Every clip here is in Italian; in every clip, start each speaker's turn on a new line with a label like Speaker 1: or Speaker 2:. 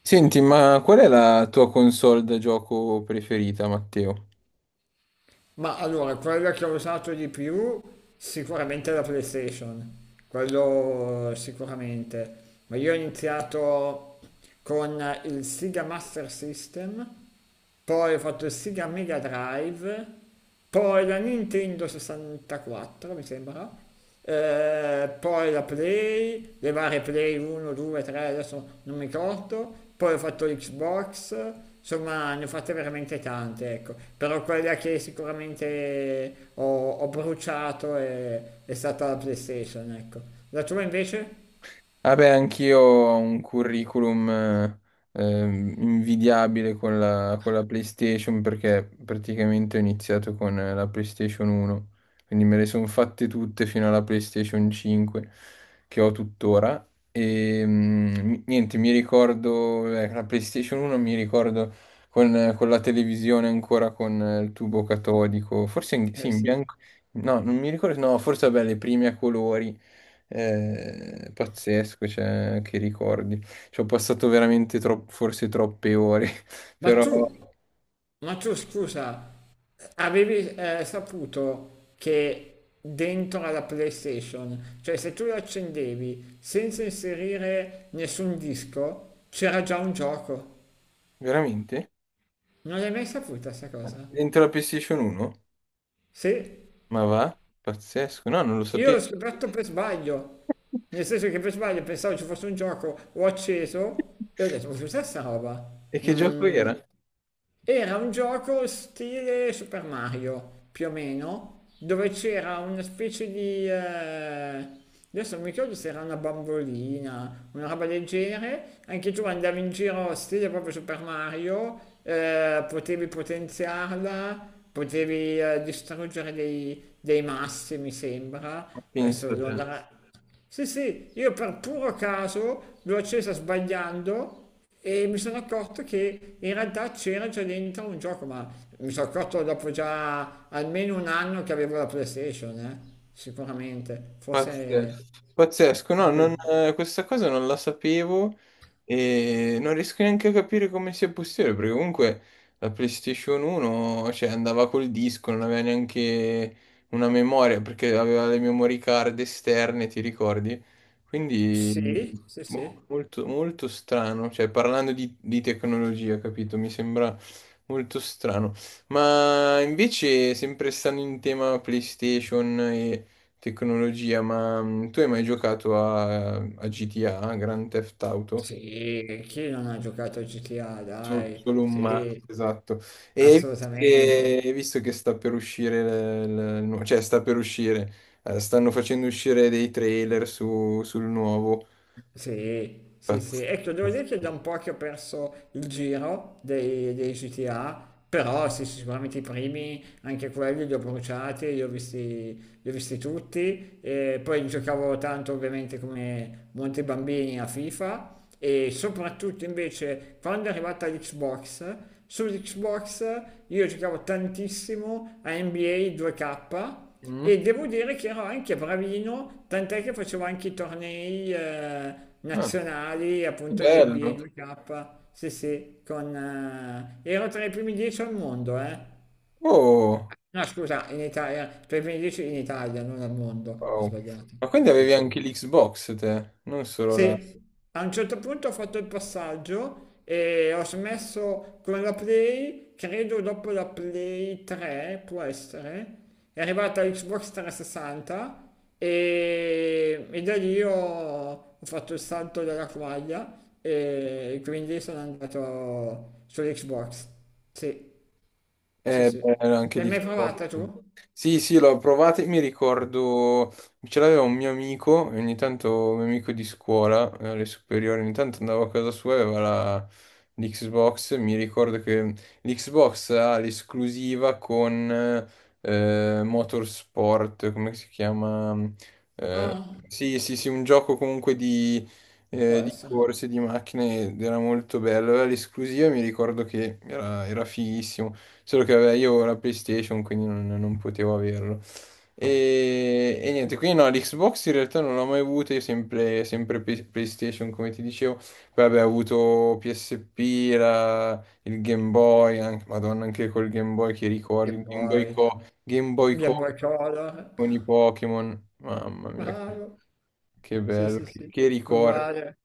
Speaker 1: Senti, ma qual è la tua console da gioco preferita, Matteo?
Speaker 2: Ma allora, quella che ho usato di più sicuramente è la PlayStation, quello sicuramente. Ma io ho iniziato con il Sega Master System, poi ho fatto il Sega Mega Drive, poi la Nintendo 64, mi sembra. Poi la Play, le varie Play 1, 2, 3, adesso non mi ricordo, poi ho fatto l'Xbox, insomma ne ho fatte veramente tante, ecco, però quella che sicuramente ho bruciato è stata la PlayStation, ecco. La tua invece?
Speaker 1: Vabbè, anch'io ho un curriculum invidiabile con la PlayStation perché praticamente ho iniziato con la PlayStation 1, quindi me le sono fatte tutte fino alla PlayStation 5 che ho tuttora. E niente, mi ricordo, la PlayStation 1 mi ricordo con la televisione ancora con il tubo catodico, sì,
Speaker 2: Eh
Speaker 1: in
Speaker 2: sì.
Speaker 1: bianco, no, non mi ricordo, no, forse vabbè, le prime a colori. È pazzesco, cioè, che ricordi. Ci ho passato veramente forse troppe ore,
Speaker 2: Ma
Speaker 1: però
Speaker 2: tu Ma tu scusa, avevi saputo che dentro alla PlayStation, cioè se tu la accendevi senza inserire nessun disco, c'era già un gioco.
Speaker 1: veramente?
Speaker 2: Non l'hai mai saputa sta cosa?
Speaker 1: Dentro la PlayStation 1?
Speaker 2: Sì,
Speaker 1: Ma va? Pazzesco, no, non lo
Speaker 2: io
Speaker 1: sapevo.
Speaker 2: l'ho scoperto per sbaglio. Nel senso che per sbaglio pensavo ci fosse un gioco, ho acceso e ho detto, ma cos'è sta roba?
Speaker 1: E che gioco
Speaker 2: Non,
Speaker 1: era? Ma
Speaker 2: Era un gioco stile Super Mario, più o meno, dove c'era una specie di adesso non mi ricordo, se era una bambolina, una roba del genere, anche tu andavi in giro stile proprio Super Mario, potevi potenziarla, potevi distruggere dei massi, mi sembra, adesso
Speaker 1: pensa
Speaker 2: devo
Speaker 1: te.
Speaker 2: andare a- sì, sì, io per puro caso l'ho accesa sbagliando e mi sono accorto che in realtà c'era già dentro un gioco, ma mi sono accorto dopo già almeno un anno che avevo la PlayStation, sicuramente,
Speaker 1: Pazzesco,
Speaker 2: forse
Speaker 1: pazzesco,
Speaker 2: anche.
Speaker 1: questa cosa non la sapevo e non riesco neanche a capire come sia possibile, perché comunque la PlayStation 1, cioè, andava col disco, non aveva neanche una memoria, perché aveva le memory card esterne, ti ricordi? Quindi
Speaker 2: Sì, sì,
Speaker 1: boh,
Speaker 2: sì.
Speaker 1: molto strano, cioè, parlando di tecnologia, capito? Mi sembra molto strano. Ma invece, sempre stando in tema PlayStation e tecnologia, ma tu hai mai giocato a GTA, Grand Theft Auto?
Speaker 2: Sì, chi non ha giocato a GTA, dai,
Speaker 1: Solo, un ma,
Speaker 2: sì,
Speaker 1: esatto. E
Speaker 2: assolutamente.
Speaker 1: hai visto che sta per uscire, il- cioè sta per uscire, stanno facendo uscire dei trailer sul nuovo.
Speaker 2: Sì, sì, sì.
Speaker 1: Pazzesco.
Speaker 2: Ecco, devo dire che è da un po' che ho perso il giro dei GTA, però sì, sì, sicuramente i primi, anche quelli li ho bruciati, li ho visti tutti. E poi giocavo tanto ovviamente come molti bambini a FIFA e soprattutto invece quando è arrivata l'Xbox, sull'Xbox io giocavo tantissimo a NBA 2K
Speaker 1: Mm?
Speaker 2: e devo dire che ero anche bravino, tant'è che facevo anche i tornei
Speaker 1: Ah,
Speaker 2: nazionali,
Speaker 1: che
Speaker 2: appunto di NBA
Speaker 1: bello.
Speaker 2: 2K, sì sì, ero tra i primi 10 al mondo, eh.
Speaker 1: Oh,
Speaker 2: No, scusa, in Italia, tra i primi 10 in Italia, non al mondo, ho
Speaker 1: wow.
Speaker 2: sbagliato,
Speaker 1: Ma quindi
Speaker 2: sì
Speaker 1: avevi
Speaker 2: sì.
Speaker 1: anche l'Xbox te, non solo la...
Speaker 2: Sì, a un certo punto ho fatto il passaggio e ho smesso con la Play, credo dopo la Play 3, può essere, è arrivata Xbox 360 e da lì ho fatto il salto della quaglia e quindi sono andato sull'Xbox. Sì, sì,
Speaker 1: È
Speaker 2: sì.
Speaker 1: bello anche
Speaker 2: L'hai
Speaker 1: di
Speaker 2: mai provata tu?
Speaker 1: sì, sì, l'ho provato e mi ricordo, ce l'aveva un mio amico, e ogni tanto un mio amico di scuola, alle superiori, ogni tanto andavo a casa sua e aveva l'Xbox, mi ricordo che l'Xbox ha l'esclusiva con Motorsport, come si chiama?
Speaker 2: Ah,
Speaker 1: Sì, sì, sì, un gioco comunque
Speaker 2: può
Speaker 1: di
Speaker 2: essere.
Speaker 1: corse, di macchine, ed era molto bello. Aveva l'esclusiva, mi ricordo che era fighissimo, solo che vabbè, io ho la PlayStation, quindi non potevo averlo. E niente, quindi no, l'Xbox in realtà non l'ho mai avuta, io sempre, sempre PlayStation, come ti dicevo. Poi vabbè, ho avuto PSP, il Game Boy, anche- Madonna, anche col Game Boy che ricordi,
Speaker 2: Game
Speaker 1: il
Speaker 2: Boy,
Speaker 1: Game Boy
Speaker 2: Game
Speaker 1: Co
Speaker 2: Boy Color.
Speaker 1: con i Pokémon, mamma mia,
Speaker 2: Bravo.
Speaker 1: che
Speaker 2: Sì,
Speaker 1: bello,
Speaker 2: sì, sì.
Speaker 1: che ricordi.
Speaker 2: Uguale.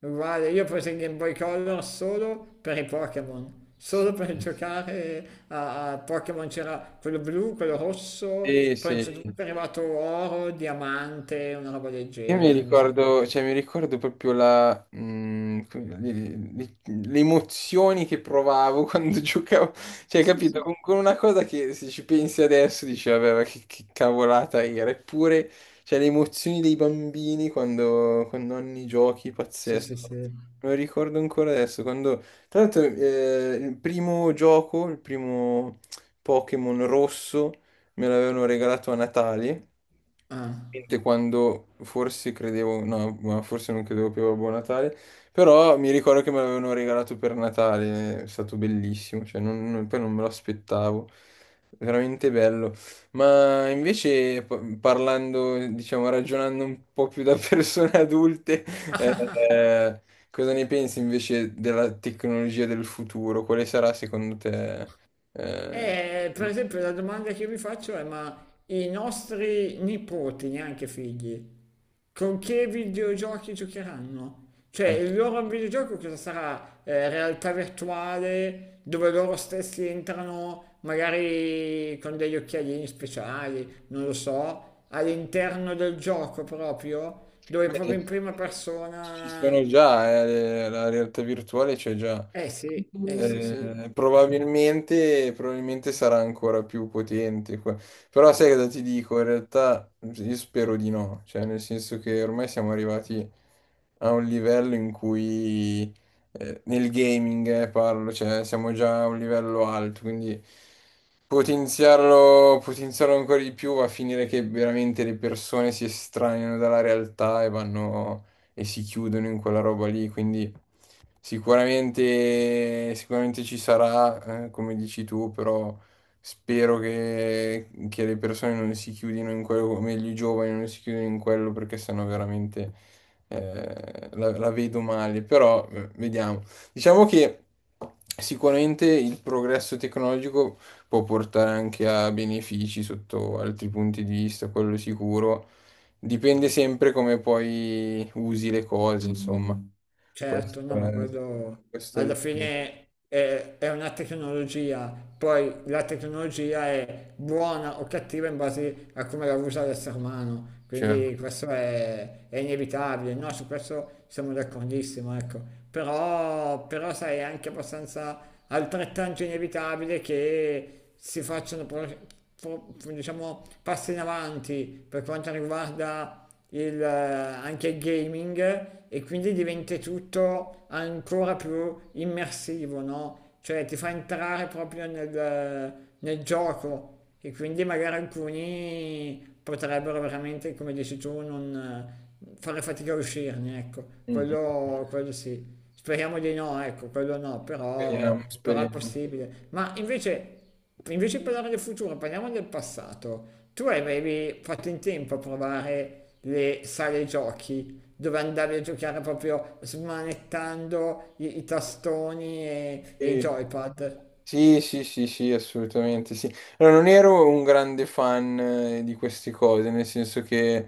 Speaker 2: Uguale, io ho preso il Game Boy Color solo per i Pokémon,
Speaker 1: Sì,
Speaker 2: solo per giocare a Pokémon, c'era quello blu, quello rosso,
Speaker 1: sì,
Speaker 2: poi a un
Speaker 1: sì.
Speaker 2: certo, sì, punto è arrivato oro, diamante, una roba del
Speaker 1: Io mi
Speaker 2: genere, mi sembra.
Speaker 1: ricordo, cioè, mi ricordo proprio la, mm, come- le emozioni che provavo quando giocavo, cioè,
Speaker 2: Sì,
Speaker 1: capito?
Speaker 2: sì,
Speaker 1: Con una cosa che se ci pensi adesso dici, vabbè, ma che cavolata era, eppure, cioè, le emozioni dei bambini quando, quando hanno i giochi,
Speaker 2: sì,
Speaker 1: pazzesco.
Speaker 2: sì, sì.
Speaker 1: Me lo ricordo ancora adesso, quando, tra l'altro, il primo gioco, il primo Pokémon rosso. Me l'avevano regalato a Natale,
Speaker 2: Ah.
Speaker 1: che quando forse credevo, no, ma forse non credevo più a Buon Natale, però mi ricordo che me l'avevano regalato per Natale, è stato bellissimo, cioè poi non me lo aspettavo, veramente bello. Ma invece parlando, diciamo, ragionando un po' più da persone adulte, eh, cosa ne pensi invece della tecnologia del futuro? Quale sarà secondo te? eh,
Speaker 2: E, per esempio, la domanda che io vi faccio è, ma i nostri nipoti, neanche figli, con che videogiochi giocheranno? Cioè,
Speaker 1: eh,
Speaker 2: il loro videogioco cosa sarà? Realtà virtuale dove loro stessi entrano magari con degli occhialini speciali, non lo so, all'interno del gioco proprio, dove proprio in
Speaker 1: beh,
Speaker 2: prima
Speaker 1: ci
Speaker 2: persona.
Speaker 1: sono già, la realtà virtuale c'è già.
Speaker 2: Sì, eh sì, sì.
Speaker 1: Probabilmente, probabilmente sarà ancora più potente. Però sai cosa ti dico? In realtà io spero di no, cioè nel senso che ormai siamo arrivati a un livello in cui nel gaming parlo, cioè siamo già a un livello alto, quindi potenziarlo, potenziarlo ancora di più va a finire che veramente le persone si estraniano dalla realtà e vanno e si chiudono in quella roba lì, quindi sicuramente, sicuramente ci sarà, come dici tu, però spero che le persone non si chiudino in quello, o meglio i giovani non si chiudino in quello perché sennò veramente la vedo male. Però vediamo. Diciamo che sicuramente il progresso tecnologico può portare anche a benefici sotto altri punti di vista, quello sicuro. Dipende sempre come poi usi le cose, insomma.
Speaker 2: Certo,
Speaker 1: Questo
Speaker 2: no, ma
Speaker 1: è,
Speaker 2: quello
Speaker 1: questo è
Speaker 2: alla
Speaker 1: il tema.
Speaker 2: fine è una tecnologia, poi la tecnologia è buona o cattiva in base a come la usa l'essere umano,
Speaker 1: Cioè,
Speaker 2: quindi questo è inevitabile, no? Su questo siamo d'accordissimo, ecco. Però, sai, è anche abbastanza altrettanto inevitabile che si facciano diciamo, passi in avanti per quanto riguarda il anche il gaming e quindi diventa tutto ancora più immersivo, no? Cioè ti fa entrare proprio nel gioco e quindi magari alcuni potrebbero veramente, come dici tu, non fare fatica a uscirne, ecco,
Speaker 1: mm,
Speaker 2: quello sì. Speriamo di no, ecco, quello no,
Speaker 1: speriamo,
Speaker 2: però è
Speaker 1: speriamo.
Speaker 2: possibile. Ma invece di parlare del futuro, parliamo del passato. Tu avevi fatto in tempo a provare le sale giochi, dove andavi a giocare proprio smanettando i tastoni e i
Speaker 1: E-
Speaker 2: joypad.
Speaker 1: Sì, sì, sì, sì, assolutamente sì. Allora, non ero un grande fan di queste cose, nel senso che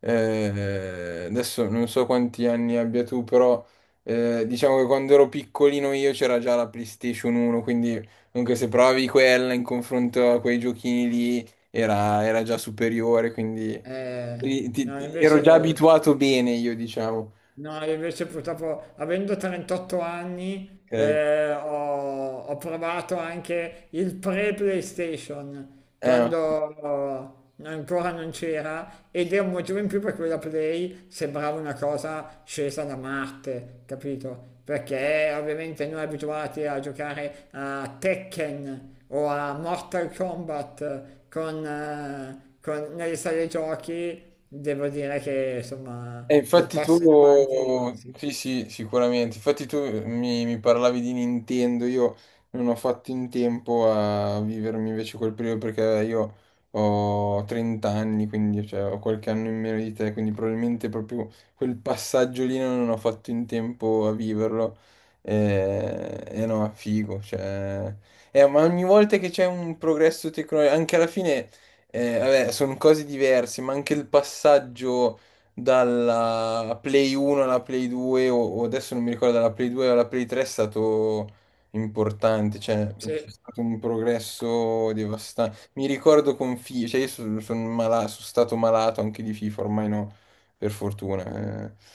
Speaker 1: adesso non so quanti anni abbia tu, però diciamo che quando ero piccolino io c'era già la PlayStation 1, quindi anche se provavi quella in confronto a quei giochini lì era già superiore, quindi
Speaker 2: Eh, no.
Speaker 1: ero già abituato bene io, diciamo.
Speaker 2: No, io invece purtroppo, avendo 38 anni,
Speaker 1: Ok.
Speaker 2: ho provato anche il pre-PlayStation,
Speaker 1: Eh,
Speaker 2: quando ancora non c'era, ed è un motivo in più per cui la Play sembrava una cosa scesa da Marte, capito? Perché ovviamente noi, abituati a giocare a Tekken o a Mortal Kombat nelle sale giochi. Devo dire che insomma
Speaker 1: E
Speaker 2: il
Speaker 1: infatti tu,
Speaker 2: passo in avanti, sì,
Speaker 1: sì sì, sicuramente, infatti tu mi parlavi di Nintendo, io non ho fatto in tempo a vivermi invece quel periodo perché io ho 30 anni, quindi cioè, ho qualche anno in meno di te, quindi probabilmente proprio quel passaggio lì non ho fatto in tempo a viverlo. E no, figo, cioè... ma ogni volta che c'è un progresso tecnologico, anche alla fine, vabbè, sono cose diverse, ma anche il passaggio dalla Play 1 alla Play 2 o adesso non mi ricordo dalla Play 2 alla Play 3 è stato importante, cioè è
Speaker 2: sì,
Speaker 1: stato un progresso devastante. Mi ricordo con FIFA, cioè io sono, sono sono stato malato anche di FIFA, ormai no, per fortuna. Eh.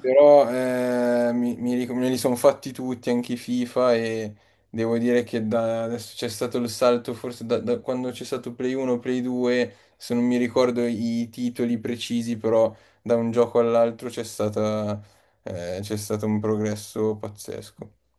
Speaker 1: Però me li sono fatti tutti, anche i FIFA e... Devo dire che da adesso c'è stato il salto, forse da quando c'è stato Play 1, Play 2, se non mi ricordo i titoli precisi, però da un gioco all'altro c'è stato un progresso pazzesco.